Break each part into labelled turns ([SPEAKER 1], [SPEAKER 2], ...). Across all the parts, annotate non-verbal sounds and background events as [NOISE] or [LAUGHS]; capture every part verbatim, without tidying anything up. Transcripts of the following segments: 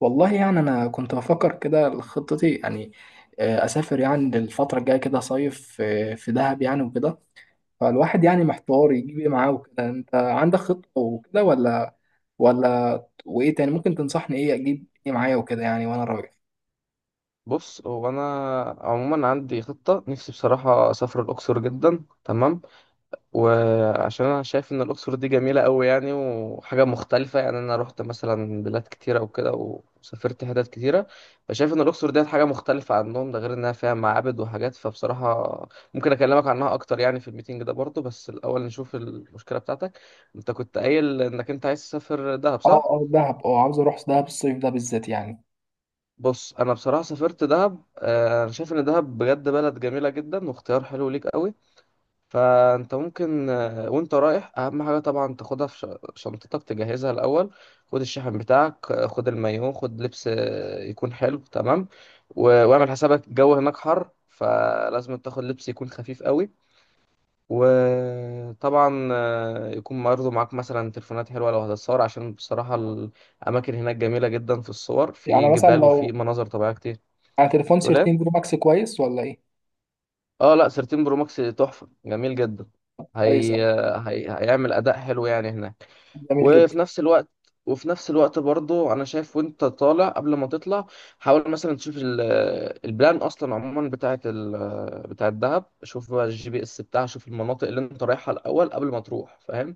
[SPEAKER 1] والله يعني انا كنت بفكر كده خطتي يعني آه، اسافر يعني للفتره الجايه كده صيف آه، في دهب يعني وكده. فالواحد يعني محتار يجيب ايه معاه وكده، انت عندك خطه وكده ولا ولا وايه تاني ممكن تنصحني ايه اجيب ايه معايا وكده يعني وانا رايح.
[SPEAKER 2] بص هو انا عموما عندي خطه نفسي بصراحه اسافر الاقصر جدا. تمام، وعشان انا شايف ان الاقصر دي جميله قوي يعني وحاجه مختلفه. يعني انا رحت مثلا بلاد كتيره وكده وسافرت حتت كتيره، فشايف ان الاقصر ديت حاجه مختلفه عنهم، ده غير انها فيها معابد وحاجات. فبصراحه ممكن اكلمك عنها اكتر يعني في الميتنج ده برضه، بس الاول نشوف المشكله بتاعتك. انت كنت قايل انك انت عايز تسافر دهب،
[SPEAKER 1] اه
[SPEAKER 2] صح؟
[SPEAKER 1] اه دهب، اه عاوز اروح دهب الصيف ده بالذات يعني.
[SPEAKER 2] بص، انا بصراحه سافرت دهب. آه، انا شايف ان دهب بجد بلد جميله جدا واختيار حلو ليك قوي. فانت ممكن آه، وانت رايح اهم حاجه طبعا تاخدها في ش- شنطتك تجهزها الاول. خد الشحن بتاعك، آه، خد المايو، خد لبس آه، يكون حلو تمام. و- واعمل حسابك الجو هناك حر، فلازم تاخد لبس يكون خفيف قوي. وطبعا آه، يكون برضه معاك مثلا تليفونات حلوه لو هتتصور، عشان بصراحه الاماكن هناك جميله جدا في الصور، في
[SPEAKER 1] يعني مثلا
[SPEAKER 2] جبال
[SPEAKER 1] لو
[SPEAKER 2] وفي مناظر طبيعيه كتير.
[SPEAKER 1] على تليفون
[SPEAKER 2] تقول؟
[SPEAKER 1] تلتاشر برو ماكس كويس ولا ايه؟
[SPEAKER 2] اه لا، ثلاثة عشر برو ماكس تحفه، جميل جدا.
[SPEAKER 1] كويس
[SPEAKER 2] هي...
[SPEAKER 1] قوي.
[SPEAKER 2] هي... هيعمل اداء حلو يعني هناك.
[SPEAKER 1] جميل جدا.
[SPEAKER 2] وفي نفس الوقت وفي نفس الوقت برضو انا شايف، وانت طالع قبل ما تطلع حاول مثلا تشوف ال... البلان اصلا عموما بتاعه ال... بتاعه دهب. شوف بقى الجي بي اس بتاعها، شوف المناطق اللي انت رايحها الاول قبل ما تروح، فاهم؟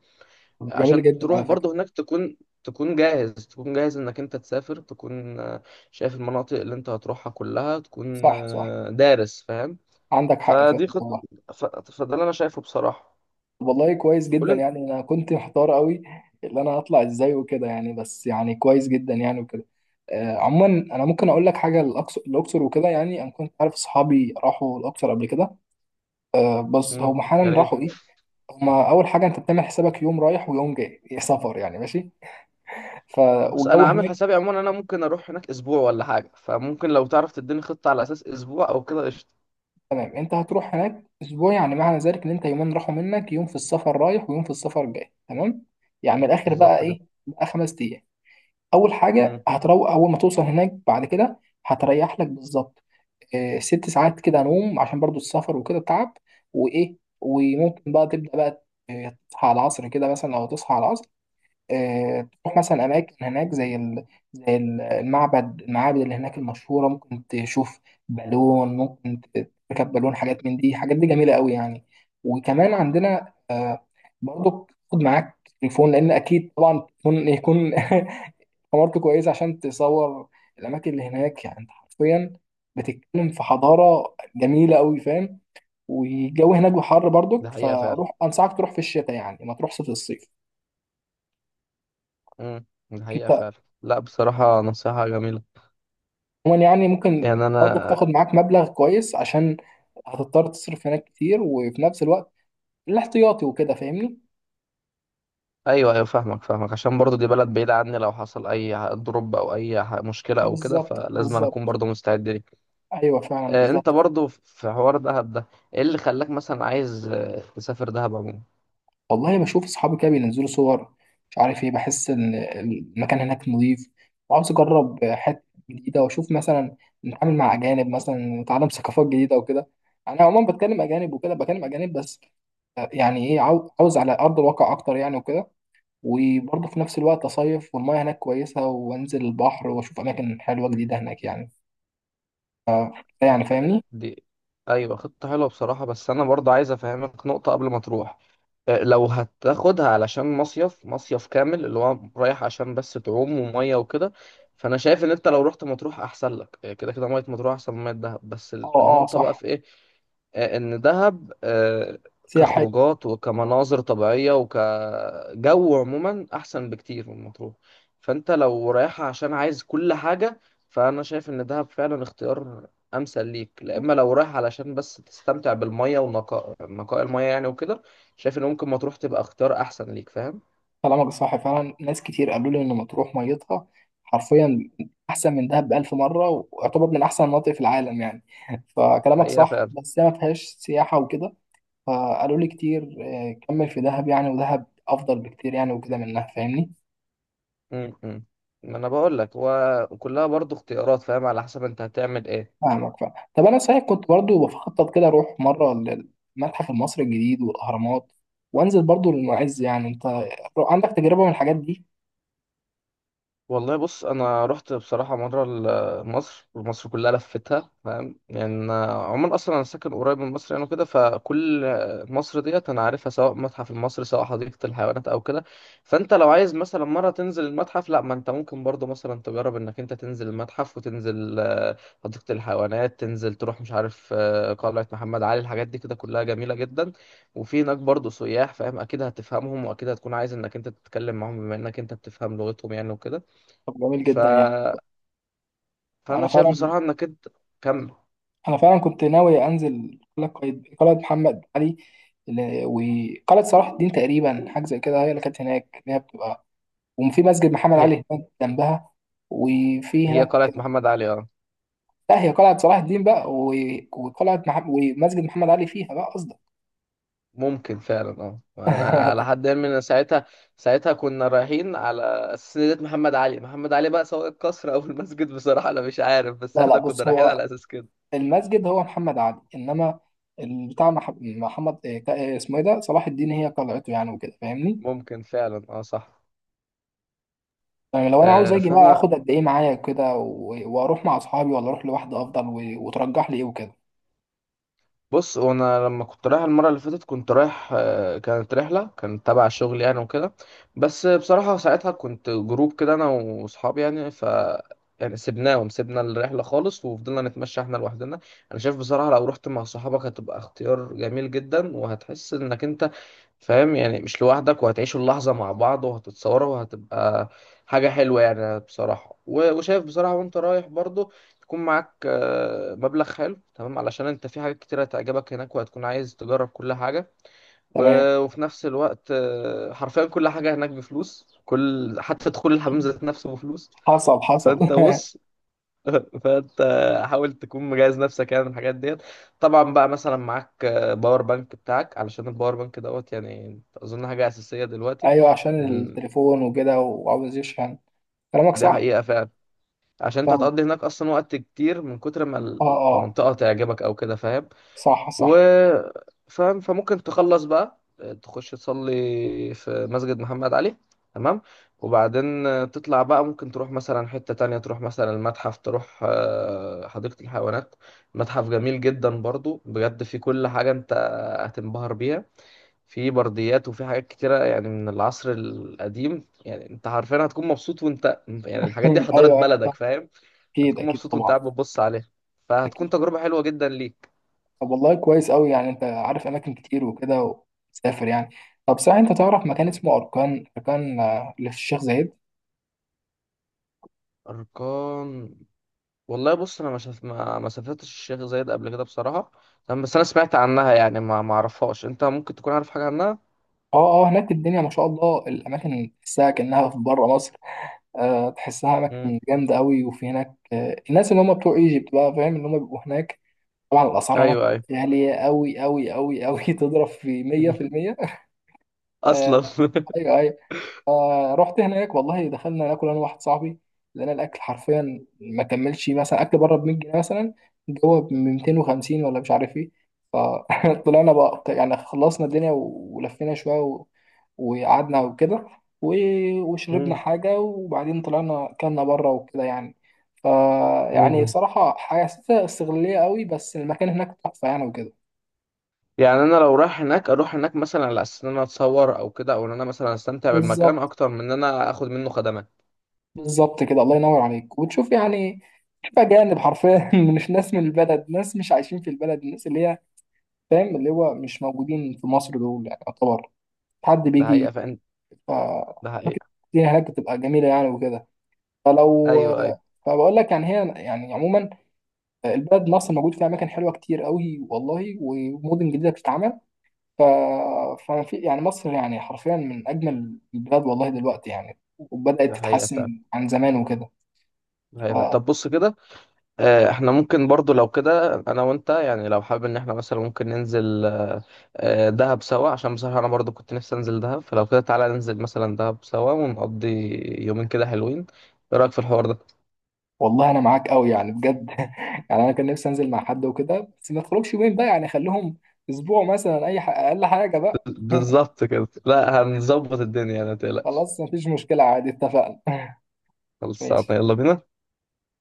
[SPEAKER 1] جميل
[SPEAKER 2] عشان
[SPEAKER 1] جدا
[SPEAKER 2] تروح
[SPEAKER 1] على فكرة.
[SPEAKER 2] برضو هناك تكون، تكون جاهز تكون جاهز انك انت تسافر، تكون آه، شايف المناطق اللي انت هتروحها كلها، تكون
[SPEAKER 1] صح صح.
[SPEAKER 2] آه، دارس فاهم.
[SPEAKER 1] عندك حق فعلا
[SPEAKER 2] فدي خط،
[SPEAKER 1] والله.
[SPEAKER 2] ف... فده اللي انا شايفه بصراحه.
[SPEAKER 1] والله كويس
[SPEAKER 2] قول
[SPEAKER 1] جدا
[SPEAKER 2] لي انت.
[SPEAKER 1] يعني انا كنت محتار قوي اللي انا هطلع ازاي وكده يعني، بس يعني كويس جدا يعني وكده. آه عموما انا ممكن اقول لك حاجه، الاقصر الاقصر وكده يعني انا كنت عارف اصحابي راحوا الاقصر قبل كده. آه بس
[SPEAKER 2] مم،
[SPEAKER 1] هم
[SPEAKER 2] يا
[SPEAKER 1] حالا
[SPEAKER 2] ريت.
[SPEAKER 1] راحوا ايه؟ هما اول حاجه انت بتعمل حسابك يوم رايح ويوم جاي إيه سفر يعني، ماشي. ف
[SPEAKER 2] بص انا
[SPEAKER 1] والجو
[SPEAKER 2] عامل
[SPEAKER 1] هناك.
[SPEAKER 2] حسابي عموما انا ممكن اروح هناك اسبوع ولا حاجه، فممكن لو تعرف تديني خطه على اساس اسبوع او كده قشطه.
[SPEAKER 1] تمام، انت هتروح هناك اسبوع يعني معنى ذلك ان انت يومين راحوا منك، يوم في السفر رايح ويوم في السفر جاي، تمام. يعني من الاخر بقى
[SPEAKER 2] بالظبط كده.
[SPEAKER 1] ايه؟ بقى خمس ايام. اول حاجه
[SPEAKER 2] امم.
[SPEAKER 1] هتروق اول ما توصل هناك، بعد كده هتريح لك بالظبط آه، ست ساعات كده نوم عشان برضو السفر وكده تعب. وايه وممكن بقى تبدا بقى آه، تصحى على العصر كده، مثلا لو تصحى على العصر آه، تروح مثلا اماكن هناك زي ال... زي ال- المعبد المعابد اللي هناك المشهوره، ممكن تشوف بالون، ممكن ت- تركب بالون، حاجات من دي حاجات دي جميله قوي يعني. وكمان عندنا آه، برضو، خد معاك تليفون لان اكيد طبعا تليفون يكون [LAUGHS] حمارته كويسة عشان تصور الأماكن اللي هناك. يعني أنت حرفيا بتتكلم في حضارة جميلة أوي، فاهم؟ والجو هناك حر
[SPEAKER 2] ده
[SPEAKER 1] برضك،
[SPEAKER 2] حقيقه فعلا.
[SPEAKER 1] فروح أنصحك تروح في الشتاء يعني ما تروحش في الصيف.
[SPEAKER 2] امم. ده حقيقه
[SPEAKER 1] أنت
[SPEAKER 2] فعلا. لا بصراحه نصيحه جميله.
[SPEAKER 1] عموما يعني ممكن
[SPEAKER 2] يعني
[SPEAKER 1] يعني برضك
[SPEAKER 2] انا.
[SPEAKER 1] تاخد معاك مبلغ كويس، عشان هتضطر تصرف هناك كتير وفي نفس الوقت الاحتياطي وكده، فاهمني؟
[SPEAKER 2] ايوه ايوه، فاهمك فاهمك عشان برضو دي بلد بعيده عني، لو حصل اي دروب او اي ح- مشكله او كده،
[SPEAKER 1] بالظبط
[SPEAKER 2] فلازم أنا اكون
[SPEAKER 1] بالظبط.
[SPEAKER 2] برضو مستعد ليه.
[SPEAKER 1] أيوه فعلا
[SPEAKER 2] آه، انت
[SPEAKER 1] بالظبط.
[SPEAKER 2] برضو في حوار دهب ده، ايه اللي خلاك مثلا عايز آه، تسافر دهب عموما؟
[SPEAKER 1] والله بشوف اصحابي كده بينزلوا صور مش عارف ايه، بحس ان المكان هناك نظيف وعاوز اجرب حته جديده، واشوف مثلا نتعامل مع اجانب مثلا، نتعلم ثقافات جديده وكده. انا عموما بتكلم اجانب وكده، بكلم اجانب بس آه، يعني ايه، عاو- عاوز على ارض الواقع اكتر يعني وكده. وبرضه في نفس الوقت اصيف، والمياه هناك كويسه وانزل البحر واشوف اماكن حلوه جديده هناك يعني. يعني فاهمني؟
[SPEAKER 2] دي ايوه خطة حلوة بصراحة، بس انا برضه عايز افهمك نقطة قبل ما تروح. آه، لو هتاخدها علشان مصيف، مصيف كامل اللي هو رايح عشان بس تعوم ومية وكده، فانا شايف ان انت لو رحت مطروح احسن لك. آه، كده كده مية مطروح احسن من مية دهب، بس
[SPEAKER 1] اه
[SPEAKER 2] ال-
[SPEAKER 1] اه
[SPEAKER 2] النقطة بقى
[SPEAKER 1] صح.
[SPEAKER 2] في ايه؟ آه، ان دهب آه،
[SPEAKER 1] سياحه.
[SPEAKER 2] كخروجات وكمناظر طبيعيه وكجو عموما احسن بكتير من مطروح. فانت لو رايحه عشان عايز كل حاجه، فانا شايف ان دهب فعلا اختيار امثل ليك. لا اما لو رايح علشان بس تستمتع بالميه ونقاء نقاء الميه يعني وكده، شايف ان ممكن مطروح تبقى اختيار احسن ليك، فاهم؟
[SPEAKER 1] كلامك صح فعلا، ناس كتير قالوا لي ان مطروح ميتها حرفيا احسن من دهب بألف مرة، ويعتبر من احسن المناطق في العالم يعني. فكلامك
[SPEAKER 2] الحقيقه
[SPEAKER 1] صح
[SPEAKER 2] فعلا.
[SPEAKER 1] بس هي ما فيهاش سياحة وكده. فقالوا لي كتير آه، كمل في دهب يعني ودهب افضل بكتير يعني وكده منها، فاهمني؟
[SPEAKER 2] م- م. ما انا بقول لك هو كلها برضو اختيارات، فاهم؟ على حسب انت هتعمل ايه.
[SPEAKER 1] فاهمك فاهم. طب انا صحيح كنت برضو بخطط كده اروح مرة للمتحف المصري الجديد والاهرامات، وانزل برضو للمعز يعني. انت عندك تجربة من الحاجات دي؟
[SPEAKER 2] والله بص، انا رحت بصراحه مره ل- مصر، ومصر كلها لفتها فاهم؟ يعني أنا عموما اصلا انا ساكن قريب من مصر يعني وكده، فكل مصر ديت انا عارفها، سواء متحف المصري سواء حديقه الحيوانات او كده. فانت لو عايز مثلا مره تنزل المتحف، لا ما انت ممكن برضو مثلا تجرب انك انت تنزل المتحف وتنزل آه، حديقه الحيوانات، تنزل تروح مش عارف آه، قلعه محمد علي، الحاجات دي كده كلها جميله جدا. وفي هناك برضو سياح فاهم، اكيد هتفهمهم واكيد هتكون عايز انك انت تتكلم معاهم بما انك انت بتفهم لغتهم يعني وكده.
[SPEAKER 1] طب جميل
[SPEAKER 2] ف...
[SPEAKER 1] جدا يعني.
[SPEAKER 2] فانا
[SPEAKER 1] انا
[SPEAKER 2] شايف
[SPEAKER 1] فعلا.
[SPEAKER 2] بصراحه انك انت كمل.
[SPEAKER 1] انا فعلا كنت ناوي انزل قلعه قايد- قلعه محمد علي، ال- وقلعه صلاح الدين، تقريبا حاجه زي كده هي اللي كانت هناك اللي هي بتبقى، وفي مسجد محمد
[SPEAKER 2] هي
[SPEAKER 1] علي هناك جنبها. وفي
[SPEAKER 2] هي
[SPEAKER 1] هناك.
[SPEAKER 2] قلعه محمد علي اه.
[SPEAKER 1] لا، هي قلعه صلاح الدين بقى و- وقلعه مح... ومسجد محمد علي فيها بقى قصدك.
[SPEAKER 2] ممكن فعلا اه. وانا على
[SPEAKER 1] [LAUGHS]
[SPEAKER 2] حد علمي ان ساعتها، ساعتها كنا رايحين على اساس إن ديت محمد علي. محمد علي بقى سواء القصر [LAUGHS] او المسجد بصراحه انا مش عارف، بس
[SPEAKER 1] لا لا،
[SPEAKER 2] احنا كنا
[SPEAKER 1] بص
[SPEAKER 2] رايحين
[SPEAKER 1] هو
[SPEAKER 2] على اساس كده.
[SPEAKER 1] المسجد هو محمد علي، انما بتاع محمد إيه، اسمه ايه ده، صلاح الدين هي قلعته يعني وكده فاهمني؟
[SPEAKER 2] ممكن فعلا اه، صح.
[SPEAKER 1] يعني لو انا عاوز
[SPEAKER 2] آه،
[SPEAKER 1] اجي بقى
[SPEAKER 2] فانا
[SPEAKER 1] اخد قد ايه معايا كده و- واروح مع اصحابي ولا اروح لوحدي افضل، و- وترجح لي ايه وكده.
[SPEAKER 2] بص، هو انا لما كنت رايح المره اللي فاتت كنت رايح آه، كانت رحله كانت تبع الشغل يعني وكده. بس بصراحه ساعتها كنت جروب كده انا واصحابي يعني، ف يعني سيبناهم، سيبنا الرحله خالص وفضلنا نتمشى احنا لوحدنا. انا شايف بصراحه لو رحت مع صحابك هتبقى اختيار جميل جدا، وهتحس انك انت فاهم يعني مش لوحدك، وهتعيشوا اللحظه مع بعض وهتتصوروا وهتبقى حاجه حلوه يعني بصراحه. و- وشايف بصراحه وانت رايح برضو تكون معاك آه، مبلغ حلو تمام، علشان انت في حاجات كتيرة هتعجبك هناك، وهتكون عايز تجرب كل حاجة.
[SPEAKER 1] تمام.
[SPEAKER 2] و- وفي نفس الوقت آه، حرفيا كل حاجة هناك بفلوس، كل حتى دخول الحمام ذات نفسه بفلوس.
[SPEAKER 1] حصل حصل.
[SPEAKER 2] فانت بص [LAUGHS] فانت حاول تكون مجهز نفسك يعني من الحاجات ديت. طبعا بقى مثلا معاك آه، باور بانك بتاعك، علشان الباور بانك دوت يعني اظن حاجة أساسية
[SPEAKER 1] [LAUGHS]
[SPEAKER 2] دلوقتي.
[SPEAKER 1] ايوه عشان
[SPEAKER 2] م،
[SPEAKER 1] التليفون وكده وعاوز يشحن. كلامك
[SPEAKER 2] ده
[SPEAKER 1] صح.
[SPEAKER 2] حقيقة فعلا. عشان انت
[SPEAKER 1] فاهم.
[SPEAKER 2] هتقضي هناك اصلا وقت كتير من كتر ما
[SPEAKER 1] اه اه.
[SPEAKER 2] المنطقة تعجبك او كده، فاهم؟
[SPEAKER 1] صح
[SPEAKER 2] و
[SPEAKER 1] صح.
[SPEAKER 2] فاهم، فممكن تخلص بقى تخش تصلي في مسجد محمد علي، تمام. وبعدين تطلع بقى، ممكن تروح مثلا حتة تانية، تروح مثلا المتحف، تروح آه، حديقة الحيوانات. متحف جميل جدا برضو بجد، فيه كل حاجة انت هتنبهر بيها، في برديات وفي حاجات كتيرة يعني من العصر القديم. يعني انت عارفين هتكون مبسوط، وانت يعني
[SPEAKER 1] [LAUGHS]
[SPEAKER 2] الحاجات دي حضارة
[SPEAKER 1] ايوه ايوه فاهم.
[SPEAKER 2] بلدك، فاهم؟
[SPEAKER 1] اكيد
[SPEAKER 2] هتكون
[SPEAKER 1] اكيد
[SPEAKER 2] مبسوط وانت
[SPEAKER 1] طبعا.
[SPEAKER 2] قاعد بتبص عليها،
[SPEAKER 1] اكيد.
[SPEAKER 2] فهتكون تجربة حلوة جدا ليك.
[SPEAKER 1] طب والله كويس قوي يعني، انت عارف اماكن كتير وكده وتسافر يعني. طب صحيح، انت تعرف مكان اسمه اركان اركان آه، اللي في الشيخ زايد؟
[SPEAKER 2] أركان. والله بص انا ما شف... ما ما سافرتش الشيخ زايد قبل كده بصراحه. تمام، بس انا سمعت عنها يعني، ما ما اعرفهاش، انت ممكن تكون عارف حاجه عنها.
[SPEAKER 1] اه اه، هناك الدنيا ما شاء الله، الاماكن تحسها كانها في بره مصر آه، تحسها اماكن
[SPEAKER 2] امم.
[SPEAKER 1] جامده قوي، وفي هناك آه، الناس اللي هم بتوع ايجيبت بقى فاهم، اللي هم بيبقوا هناك. طبعا الاسعار هناك
[SPEAKER 2] ايوه ايوه.
[SPEAKER 1] غاليه قوي قوي قوي قوي [LAUGHS] تضرب في
[SPEAKER 2] [LAUGHS]
[SPEAKER 1] مية في المية. آه،
[SPEAKER 2] اصلا [LAUGHS]
[SPEAKER 1] ايوه ايوه. آه رحت هناك والله، دخلنا ناكل انا واحد صاحبي، لقينا الاكل حرفيا ما كملش، مثلا اكل بره ب مية جنيه مثلا جوه ب ميتين وخمسين ولا مش عارف ايه. فطلعنا [LAUGHS] بقى يعني، خلصنا الدنيا و- ولفينا شويه و... وقعدنا وكده و... وشربنا
[SPEAKER 2] مم.
[SPEAKER 1] حاجه، وبعدين طلعنا كلنا بره وكده يعني. ف يعني
[SPEAKER 2] مم.
[SPEAKER 1] صراحه حسيتها استغلاليه قوي، بس المكان هناك تحفه يعني وكده.
[SPEAKER 2] يعني انا لو رايح هناك اروح هناك مثلا على اساس ان انا اتصور او كده، او ان انا مثلا استمتع بالمكان
[SPEAKER 1] بالظبط.
[SPEAKER 2] اكتر من ان انا اخد منه خدمات.
[SPEAKER 1] بالظبط كده الله ينور عليك وتشوف يعني. تشوف أجانب حرفيا [LAUGHS] مش ناس من البلد، ناس مش عايشين في البلد، الناس اللي هي فاهم اللي هو مش موجودين في مصر دول، يعني يعتبر حد
[SPEAKER 2] ده
[SPEAKER 1] بيجي.
[SPEAKER 2] حقيقه فعلا. ده
[SPEAKER 1] فأعتقد
[SPEAKER 2] حقيقه.
[SPEAKER 1] الدنيا هناك بتبقى جميلة يعني وكده. فلو.
[SPEAKER 2] ايوه ايوه.
[SPEAKER 1] فبقول لك يعني، هي يعني عموما البلد مصر موجود فيها أماكن حلوة كتير قوي والله، ومدن جديدة بتتعمل. ف... فما في يعني مصر يعني حرفيا من أجمل البلاد والله دلوقتي يعني، وبدأت
[SPEAKER 2] ده حقيقه فعلا.
[SPEAKER 1] تتحسن عن زمان وكده.
[SPEAKER 2] ده حقيقه فعلا. طب بص كده آه، احنا ممكن برضو لو كده انا وانت يعني، لو حابب ان احنا مثلا ممكن ننزل آه، آه، دهب سوا، عشان بصراحة انا برضو كنت نفسي انزل دهب. فلو كده تعالى ننزل مثلا دهب سوا ونقضي يومين كده حلوين، ايه رأيك في الحوار ده؟
[SPEAKER 1] والله انا معاك قوي يعني بجد [LAUGHS] يعني، انا كان نفسي انزل مع حد وكده بس ما تخرجش يومين بقى يعني، خليهم اسبوع مثلا، اي ح... اقل حاجه بقى.
[SPEAKER 2] [LAUGHS] بالظبط كده، لا هنظبط الدنيا ما تقلقش.
[SPEAKER 1] خلاص مفيش مشكله عادي اتفقنا. [LAUGHS]
[SPEAKER 2] خلصانة،
[SPEAKER 1] ماشي.
[SPEAKER 2] يلا بينا.